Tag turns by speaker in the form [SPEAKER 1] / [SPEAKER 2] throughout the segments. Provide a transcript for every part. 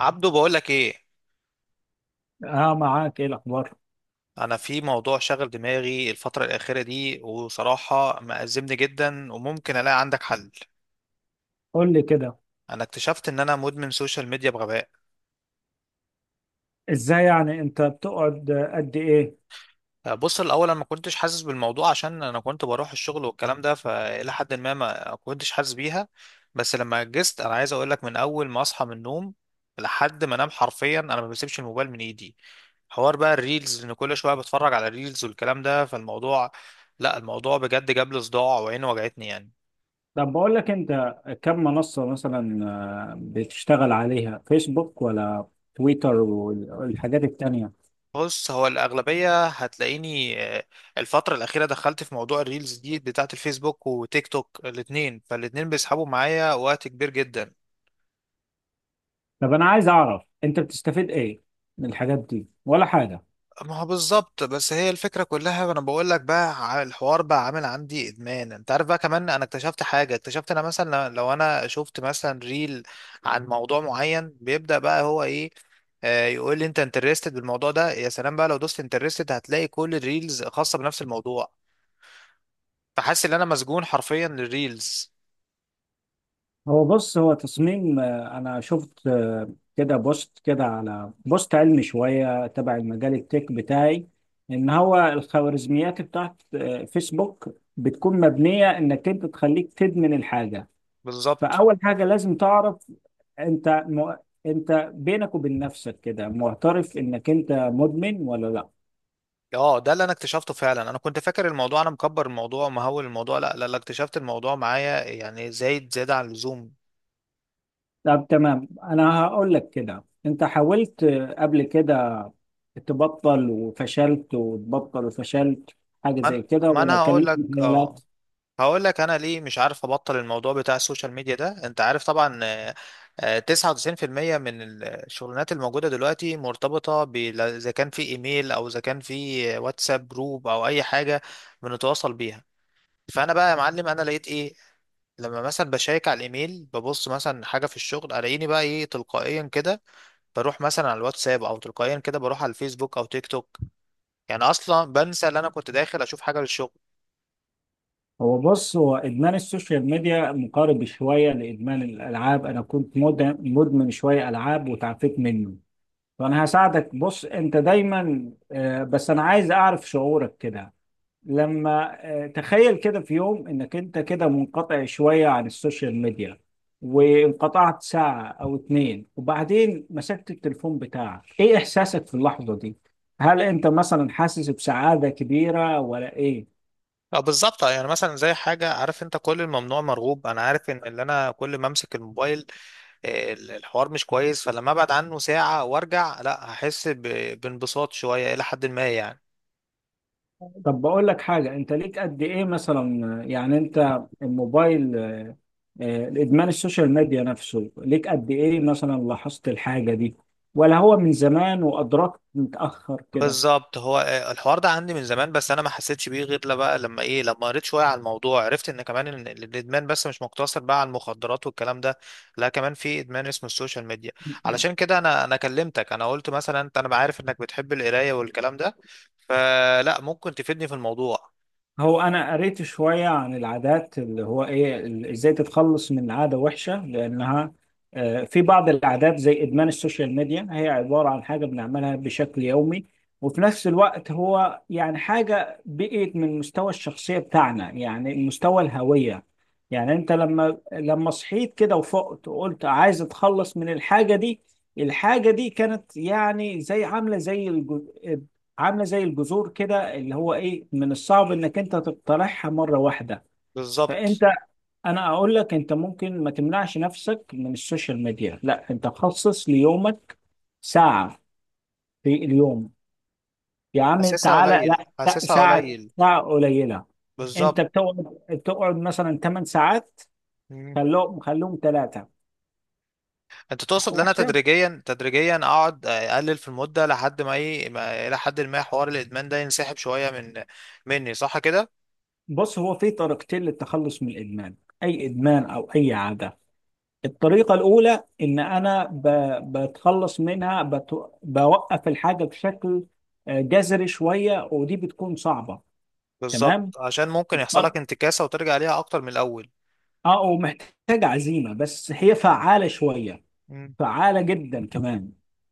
[SPEAKER 1] عبدو بقول لك ايه؟
[SPEAKER 2] اه، معاك ايه الاخبار؟
[SPEAKER 1] انا في موضوع شغل دماغي الفتره الاخيره دي، وصراحه مأزمني جدا وممكن الاقي عندك حل.
[SPEAKER 2] قول لي كده.
[SPEAKER 1] انا اكتشفت ان انا مدمن سوشيال ميديا بغباء.
[SPEAKER 2] ازاي، يعني انت بتقعد قد ايه؟
[SPEAKER 1] بص الاول، انا ما كنتش حاسس بالموضوع عشان انا كنت بروح الشغل والكلام ده، فالى حد ما ما كنتش حاسس بيها. بس لما جست، انا عايز اقول لك من اول ما اصحى من النوم لحد ما انام حرفيا انا ما بسيبش الموبايل من ايدي. حوار بقى الريلز، ان كل شويه بتفرج على الريلز والكلام ده. فالموضوع، لا الموضوع بجد جاب لي صداع وعيني وجعتني يعني.
[SPEAKER 2] طب بقول لك انت، كم منصة مثلا، بتشتغل عليها فيسبوك ولا تويتر والحاجات التانية؟
[SPEAKER 1] بص هو الأغلبية هتلاقيني الفترة الأخيرة دخلت في موضوع الريلز دي بتاعة الفيسبوك وتيك توك، الاتنين فالاتنين بيسحبوا معايا وقت كبير جدا.
[SPEAKER 2] طب انا عايز اعرف، انت بتستفيد ايه من الحاجات دي ولا حاجة؟
[SPEAKER 1] ما هو بالظبط، بس هي الفكرة كلها. أنا بقول لك بقى، الحوار بقى عامل عندي إدمان. أنت عارف بقى، كمان أنا اكتشفت حاجة، اكتشفت أنا مثلا لو أنا شفت مثلا ريل عن موضوع معين، بيبدأ بقى هو إيه؟ يقول لي انت انترستد بالموضوع ده. يا سلام بقى، لو دوست انترستد هتلاقي كل الريلز خاصة بنفس الموضوع. فحاسس ان انا مسجون حرفيا للريلز.
[SPEAKER 2] بص هو تصميم، انا شفت كده بوست كده، على بوست علمي شويه تبع المجال التك بتاعي. ان هو الخوارزميات بتاعت فيسبوك بتكون مبنيه انك انت تخليك تدمن الحاجه.
[SPEAKER 1] بالظبط،
[SPEAKER 2] فاول حاجه لازم تعرف، انت م... انت بينك وبين نفسك كده معترف انك انت مدمن ولا لا؟
[SPEAKER 1] اه ده اللي انا اكتشفته فعلا. انا كنت فاكر الموضوع انا مكبر الموضوع ومهول الموضوع، لا لا لا، اكتشفت الموضوع معايا يعني زايد زيادة عن اللزوم.
[SPEAKER 2] طب تمام، انا هقول لك كده. انت حاولت قبل كده تبطل وفشلت، وتبطل وفشلت، حاجة
[SPEAKER 1] ما أنا-
[SPEAKER 2] زي كده،
[SPEAKER 1] ما
[SPEAKER 2] ولا
[SPEAKER 1] انا
[SPEAKER 2] كان
[SPEAKER 1] هقول
[SPEAKER 2] ليك
[SPEAKER 1] لك
[SPEAKER 2] مجالات؟
[SPEAKER 1] اه هقول لك انا ليه مش عارف ابطل الموضوع بتاع السوشيال ميديا ده. انت عارف طبعا، 99% من الشغلانات الموجودة دلوقتي مرتبطة اذا كان في ايميل او اذا كان في واتساب جروب او اي حاجة بنتواصل بيها. فانا بقى يا معلم، انا لقيت ايه؟ لما مثلا بشيك على الايميل، ببص مثلا حاجه في الشغل، الاقيني بقى ايه تلقائيا كده بروح مثلا على الواتساب، او تلقائيا كده بروح على الفيسبوك او تيك توك. يعني اصلا بنسى ان انا كنت داخل اشوف حاجه للشغل.
[SPEAKER 2] بص هو إدمان السوشيال ميديا مقارب شوية لإدمان الألعاب. أنا كنت مدمن شوية ألعاب وتعافيت منه. فأنا هساعدك. بص، أنت دايما، بس أنا عايز أعرف شعورك كده، لما تخيل كده في يوم انك انت كده منقطع شوية عن السوشيال ميديا، وانقطعت ساعة او 2، وبعدين مسكت التليفون بتاعك، ايه احساسك في اللحظة دي؟ هل انت مثلا حاسس بسعادة كبيرة ولا ايه؟
[SPEAKER 1] اه بالظبط، يعني مثلا زي حاجه، عارف انت كل الممنوع مرغوب. انا عارف ان اللي انا كل ما امسك الموبايل، الحوار مش كويس. فلما ابعد عنه ساعه وارجع، لا هحس بانبساط شويه الى حد ما يعني.
[SPEAKER 2] طب بقول لك حاجة، انت ليك قد ايه مثلا، يعني انت الموبايل، الادمان السوشيال ميديا نفسه ليك قد ايه، مثلا لاحظت الحاجة دي؟ ولا هو من زمان وادركت متأخر كده؟
[SPEAKER 1] بالظبط، هو الحوار ده عندي من زمان، بس انا ما حسيتش بيه غير لا بقى لما ايه، لما قريت شويه على الموضوع، عرفت ان كمان إن الادمان بس مش مقتصر بقى على المخدرات والكلام ده. لا كمان في ادمان اسمه السوشيال ميديا. علشان كده انا كلمتك. انا قلت مثلا انت، انا عارف انك بتحب القرايه والكلام ده، فلا ممكن تفيدني في الموضوع.
[SPEAKER 2] هو انا قريت شويه عن العادات، اللي هو ايه، ازاي تتخلص من عاده وحشه، لانها في بعض العادات زي ادمان السوشيال ميديا، هي عباره عن حاجه بنعملها بشكل يومي. وفي نفس الوقت هو يعني حاجه بقيت من مستوى الشخصيه بتاعنا، يعني مستوى الهويه. يعني انت لما صحيت كده وفقت وقلت عايز اتخلص من الحاجه دي، الحاجه دي كانت يعني زي، عامله زي الجذور كده، اللي هو ايه من الصعب انك انت تقترحها مره واحده. فانت
[SPEAKER 1] بالظبط.
[SPEAKER 2] انا اقول لك، انت ممكن ما تمنعش نفسك من السوشيال ميديا، لا انت خصص ليومك ساعه في اليوم. يا عم
[SPEAKER 1] حاسسها
[SPEAKER 2] تعالى،
[SPEAKER 1] قليل
[SPEAKER 2] لا لا،
[SPEAKER 1] حاسسها
[SPEAKER 2] ساعه،
[SPEAKER 1] قليل
[SPEAKER 2] ساعه قليله. انت
[SPEAKER 1] بالظبط.
[SPEAKER 2] بتقعد مثلا 8 ساعات، خلوهم 3.
[SPEAKER 1] انت تقصد ان انا
[SPEAKER 2] وحشه.
[SPEAKER 1] تدريجيا تدريجيا اقعد اقلل في المده لحد ما ايه الى حد ما حوار الادمان ده ينسحب شويه من مني، صح كده؟
[SPEAKER 2] بص، هو في طريقتين للتخلص من الادمان، اي ادمان او اي عاده. الطريقة الأولى إن أنا بتخلص منها، بوقف الحاجة بشكل جذري شوية، ودي بتكون صعبة. تمام؟
[SPEAKER 1] بالظبط، عشان ممكن يحصل
[SPEAKER 2] الطر-
[SPEAKER 1] لك انتكاسه وترجع ليها اكتر من الاول.
[SPEAKER 2] اه، ومحتاجة عزيمة، بس هي فعالة شوية،
[SPEAKER 1] مم.
[SPEAKER 2] فعالة جدا كمان.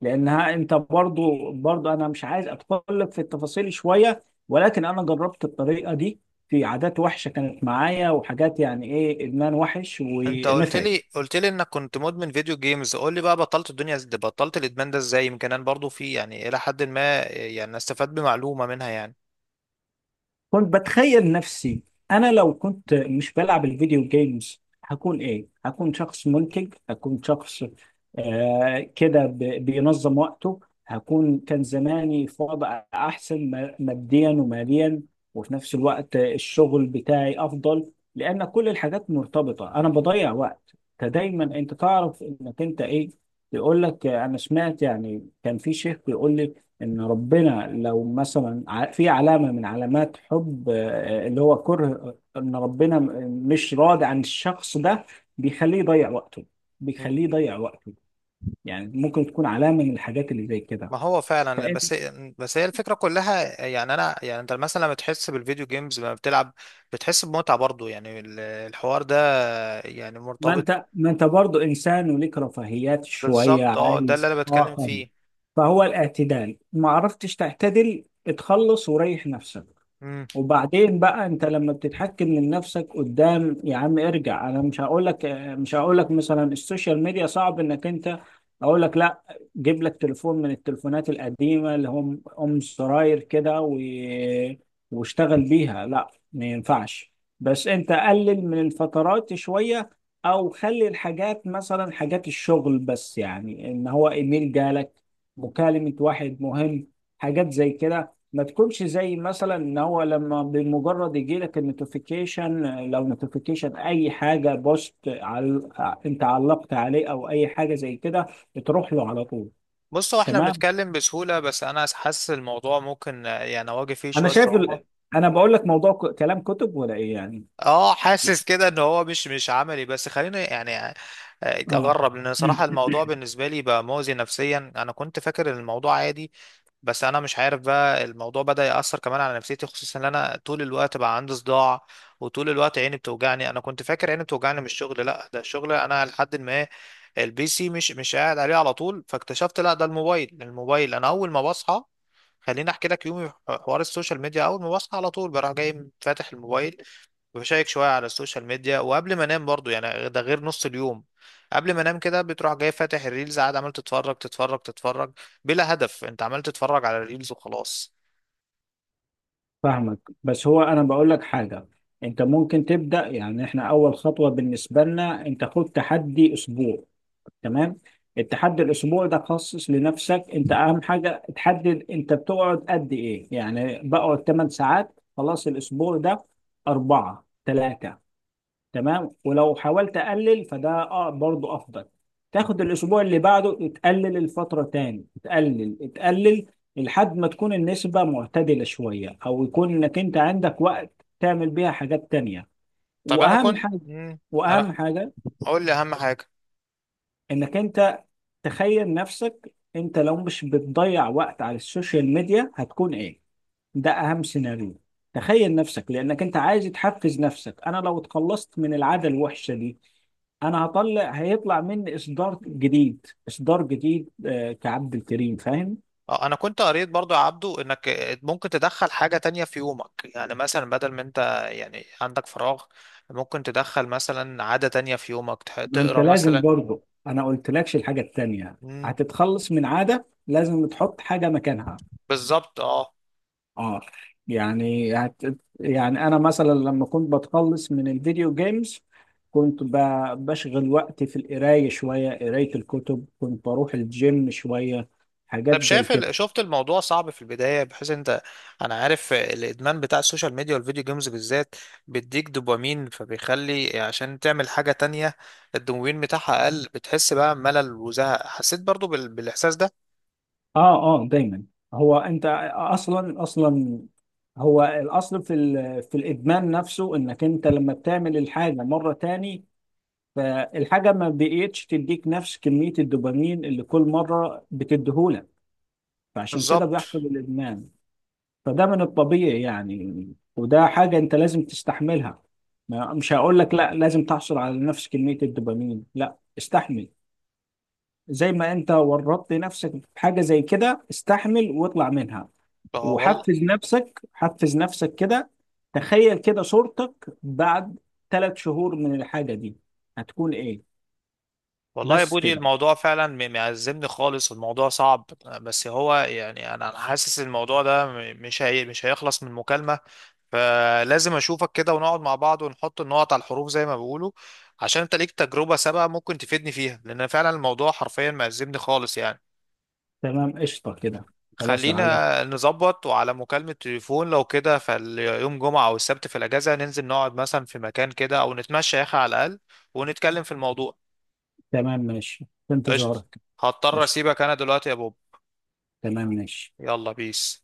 [SPEAKER 2] لأنها أنت، برضو أنا مش عايز أتطرق في التفاصيل شوية، ولكن أنا جربت الطريقة دي في عادات وحشة كانت معايا، وحاجات يعني إيه، إدمان وحش،
[SPEAKER 1] انت قلت
[SPEAKER 2] ونفعت.
[SPEAKER 1] لي، قلت لي انك كنت مدمن فيديو جيمز. قول لي بقى، بطلت الدنيا ازاي، بطلت الادمان ده ازاي، يمكن انا برضو في يعني الى حد ما يعني استفاد بمعلومه منها يعني.
[SPEAKER 2] كنت بتخيل نفسي، انا لو كنت مش بلعب الفيديو جيمز هكون ايه. هكون شخص منتج، هكون شخص كده بينظم وقته. هكون كان زماني في وضع احسن، ماديا وماليا. وفي نفس الوقت الشغل بتاعي افضل، لان كل الحاجات مرتبطة. انا بضيع وقت، فدايما انت تعرف انك انت ايه. بيقول لك، انا سمعت يعني كان في شيخ بيقول لي، ان ربنا لو مثلا في علامه من علامات حب، اللي هو كره ان ربنا مش راضي عن الشخص ده، بيخليه يضيع وقته.
[SPEAKER 1] مم.
[SPEAKER 2] بيخليه يضيع وقته. يعني ممكن تكون علامه من الحاجات اللي زي كده.
[SPEAKER 1] ما هو فعلا
[SPEAKER 2] فانت،
[SPEAKER 1] بس، بس هي الفكره كلها يعني. انا يعني انت مثلا لما تحس بالفيديو جيمز، لما بتلعب بتحس بمتعه برضو يعني، الحوار ده يعني
[SPEAKER 2] ما
[SPEAKER 1] مرتبط.
[SPEAKER 2] انت ما انت برضه انسان وليك رفاهيات شويه،
[SPEAKER 1] بالظبط، اه ده اللي
[SPEAKER 2] عايز،
[SPEAKER 1] انا
[SPEAKER 2] اه
[SPEAKER 1] بتكلم
[SPEAKER 2] طبعا.
[SPEAKER 1] فيه.
[SPEAKER 2] فهو الاعتدال، ما عرفتش تعتدل، اتخلص وريح نفسك.
[SPEAKER 1] امم
[SPEAKER 2] وبعدين بقى انت لما بتتحكم من نفسك، قدام يا عم ارجع. انا مش هقول لك، مثلا السوشيال ميديا صعب انك انت. اقول لك لا، جيب لك تليفون من التليفونات القديمه اللي هم ام زراير كده واشتغل بيها. لا ما ينفعش. بس انت قلل من الفترات شويه، او خلي الحاجات مثلا حاجات الشغل بس، يعني ان هو ايميل جالك، مكالمه واحد مهم، حاجات زي كده. ما تكونش زي مثلا ان هو لما بمجرد يجي لك النوتيفيكيشن، لو نوتيفيكيشن اي حاجه، بوست انت علقت عليه او اي حاجه زي كده، بتروح له على طول.
[SPEAKER 1] بص هو احنا
[SPEAKER 2] تمام،
[SPEAKER 1] بنتكلم بسهوله، بس انا حاسس الموضوع ممكن يعني اواجه فيه
[SPEAKER 2] انا
[SPEAKER 1] شويه
[SPEAKER 2] شايف
[SPEAKER 1] صعوبه.
[SPEAKER 2] انا بقول لك موضوع كلام كتب ولا ايه يعني؟
[SPEAKER 1] اه حاسس كده ان هو مش عملي، بس خليني يعني
[SPEAKER 2] اه،
[SPEAKER 1] اجرب لان صراحه الموضوع بالنسبه لي بقى مؤذي نفسيا. انا كنت فاكر إن الموضوع عادي، بس انا مش عارف بقى الموضوع بدأ يأثر كمان على نفسيتي، خصوصا ان انا طول الوقت بقى عندي صداع وطول الوقت عيني بتوجعني. انا كنت فاكر عيني بتوجعني من الشغل، لا ده الشغل انا لحد ما البي سي مش قاعد عليه على طول. فاكتشفت لا ده الموبايل، الموبايل انا اول ما بصحى. خليني احكي لك يومي في حوار السوشيال ميديا. اول ما بصحى على طول بروح جاي فاتح الموبايل وبشيك شوية على السوشيال ميديا، وقبل ما انام برضو، يعني ده غير نص اليوم، قبل ما انام كده بتروح جاي فاتح الريلز، قاعد عمال تتفرج تتفرج تتفرج بلا هدف. انت عمال تتفرج على الريلز وخلاص.
[SPEAKER 2] فاهمك. بس هو انا بقول لك حاجه، انت ممكن تبدا، يعني احنا اول خطوه بالنسبه لنا، انت خد تحدي اسبوع. تمام؟ التحدي الاسبوعي ده خصص لنفسك. انت اهم حاجه تحدد انت بتقعد قد ايه، يعني بقعد 8 ساعات، خلاص الاسبوع ده 4، 3. تمام. ولو حاولت اقلل فده اه برضه افضل. تاخد الاسبوع اللي بعده تقلل الفتره تاني، تقلل، تقلل، لحد ما تكون النسبه معتدله شويه، او يكون انك انت عندك وقت تعمل بيها حاجات تانيه.
[SPEAKER 1] طب انا
[SPEAKER 2] واهم
[SPEAKER 1] كنت
[SPEAKER 2] حاجه، واهم
[SPEAKER 1] انا،
[SPEAKER 2] حاجه
[SPEAKER 1] قول لي اهم حاجة.
[SPEAKER 2] انك انت تخيل نفسك، انت لو مش بتضيع وقت على السوشيال ميديا هتكون ايه. ده اهم سيناريو. تخيل نفسك، لانك انت عايز تحفز نفسك. انا لو اتخلصت من العادة الوحشة دي، انا هطلع، هيطلع مني اصدار جديد، اصدار جديد كعبد الكريم فاهم.
[SPEAKER 1] اه انا كنت قريت برضو يا عبدو انك ممكن تدخل حاجة تانية في يومك، يعني مثلا بدل ما انت يعني عندك فراغ، ممكن تدخل مثلا عادة تانية في يومك،
[SPEAKER 2] ما انت
[SPEAKER 1] تقرا
[SPEAKER 2] لازم
[SPEAKER 1] مثلا.
[SPEAKER 2] برضه، انا قلت لكش الحاجة التانية،
[SPEAKER 1] مم.
[SPEAKER 2] هتتخلص من عادة لازم تحط حاجة مكانها.
[SPEAKER 1] بالظبط اه.
[SPEAKER 2] اه. يعني يعني انا مثلا لما كنت بتخلص من الفيديو جيمز، كنت بشغل وقتي في القرايه شويه، قرايه الكتب، كنت بروح الجيم شويه، حاجات
[SPEAKER 1] طب
[SPEAKER 2] زي
[SPEAKER 1] شايف
[SPEAKER 2] كده.
[SPEAKER 1] شفت الموضوع صعب في البداية بحيث انت، انا عارف الادمان بتاع السوشيال ميديا والفيديو جيمز بالذات بيديك دوبامين، فبيخلي عشان تعمل حاجة تانية الدوبامين بتاعها اقل، بتحس بقى ملل وزهق. حسيت برضو بالاحساس ده.
[SPEAKER 2] اه اه، دايما. هو انت، اصلا، هو الاصل في في الادمان نفسه، انك انت لما بتعمل الحاجه مره تاني، فالحاجه ما بقيتش تديك نفس كميه الدوبامين اللي كل مره بتديهولك، فعشان كده
[SPEAKER 1] بالظبط
[SPEAKER 2] بيحصل الادمان. فده من الطبيعي يعني، وده حاجة انت لازم تستحملها. مش هقول لك لا لازم تحصل على نفس كمية الدوبامين، لا استحمل. زي ما انت ورطت نفسك في حاجة زي كده، استحمل واطلع منها.
[SPEAKER 1] اه والله.
[SPEAKER 2] وحفز نفسك، حفز نفسك كده. تخيل كده صورتك بعد 3 شهور من الحاجة دي، هتكون ايه.
[SPEAKER 1] والله يا
[SPEAKER 2] بس
[SPEAKER 1] بودي
[SPEAKER 2] كده.
[SPEAKER 1] الموضوع فعلا معزمني خالص. الموضوع صعب، بس هو يعني أنا حاسس إن الموضوع ده مش هيخلص من مكالمة. فلازم اشوفك كده ونقعد مع بعض ونحط النقط على الحروف زي ما بيقولوا، عشان انت ليك تجربة سابقة ممكن تفيدني فيها، لان فعلا الموضوع حرفيا معزمني خالص يعني.
[SPEAKER 2] تمام، قشطة كده. خلاص، على
[SPEAKER 1] خلينا نظبط وعلى مكالمة تليفون لو كده، فاليوم جمعة او السبت في الاجازة ننزل نقعد مثلا في مكان كده، او نتمشى يا اخي على الاقل ونتكلم في الموضوع.
[SPEAKER 2] تمام، ماشي. في
[SPEAKER 1] قشطة.
[SPEAKER 2] انتظارك.
[SPEAKER 1] هضطر
[SPEAKER 2] قشطة،
[SPEAKER 1] اسيبك انا دلوقتي يا بوب.
[SPEAKER 2] تمام ماشي.
[SPEAKER 1] يلا بيس.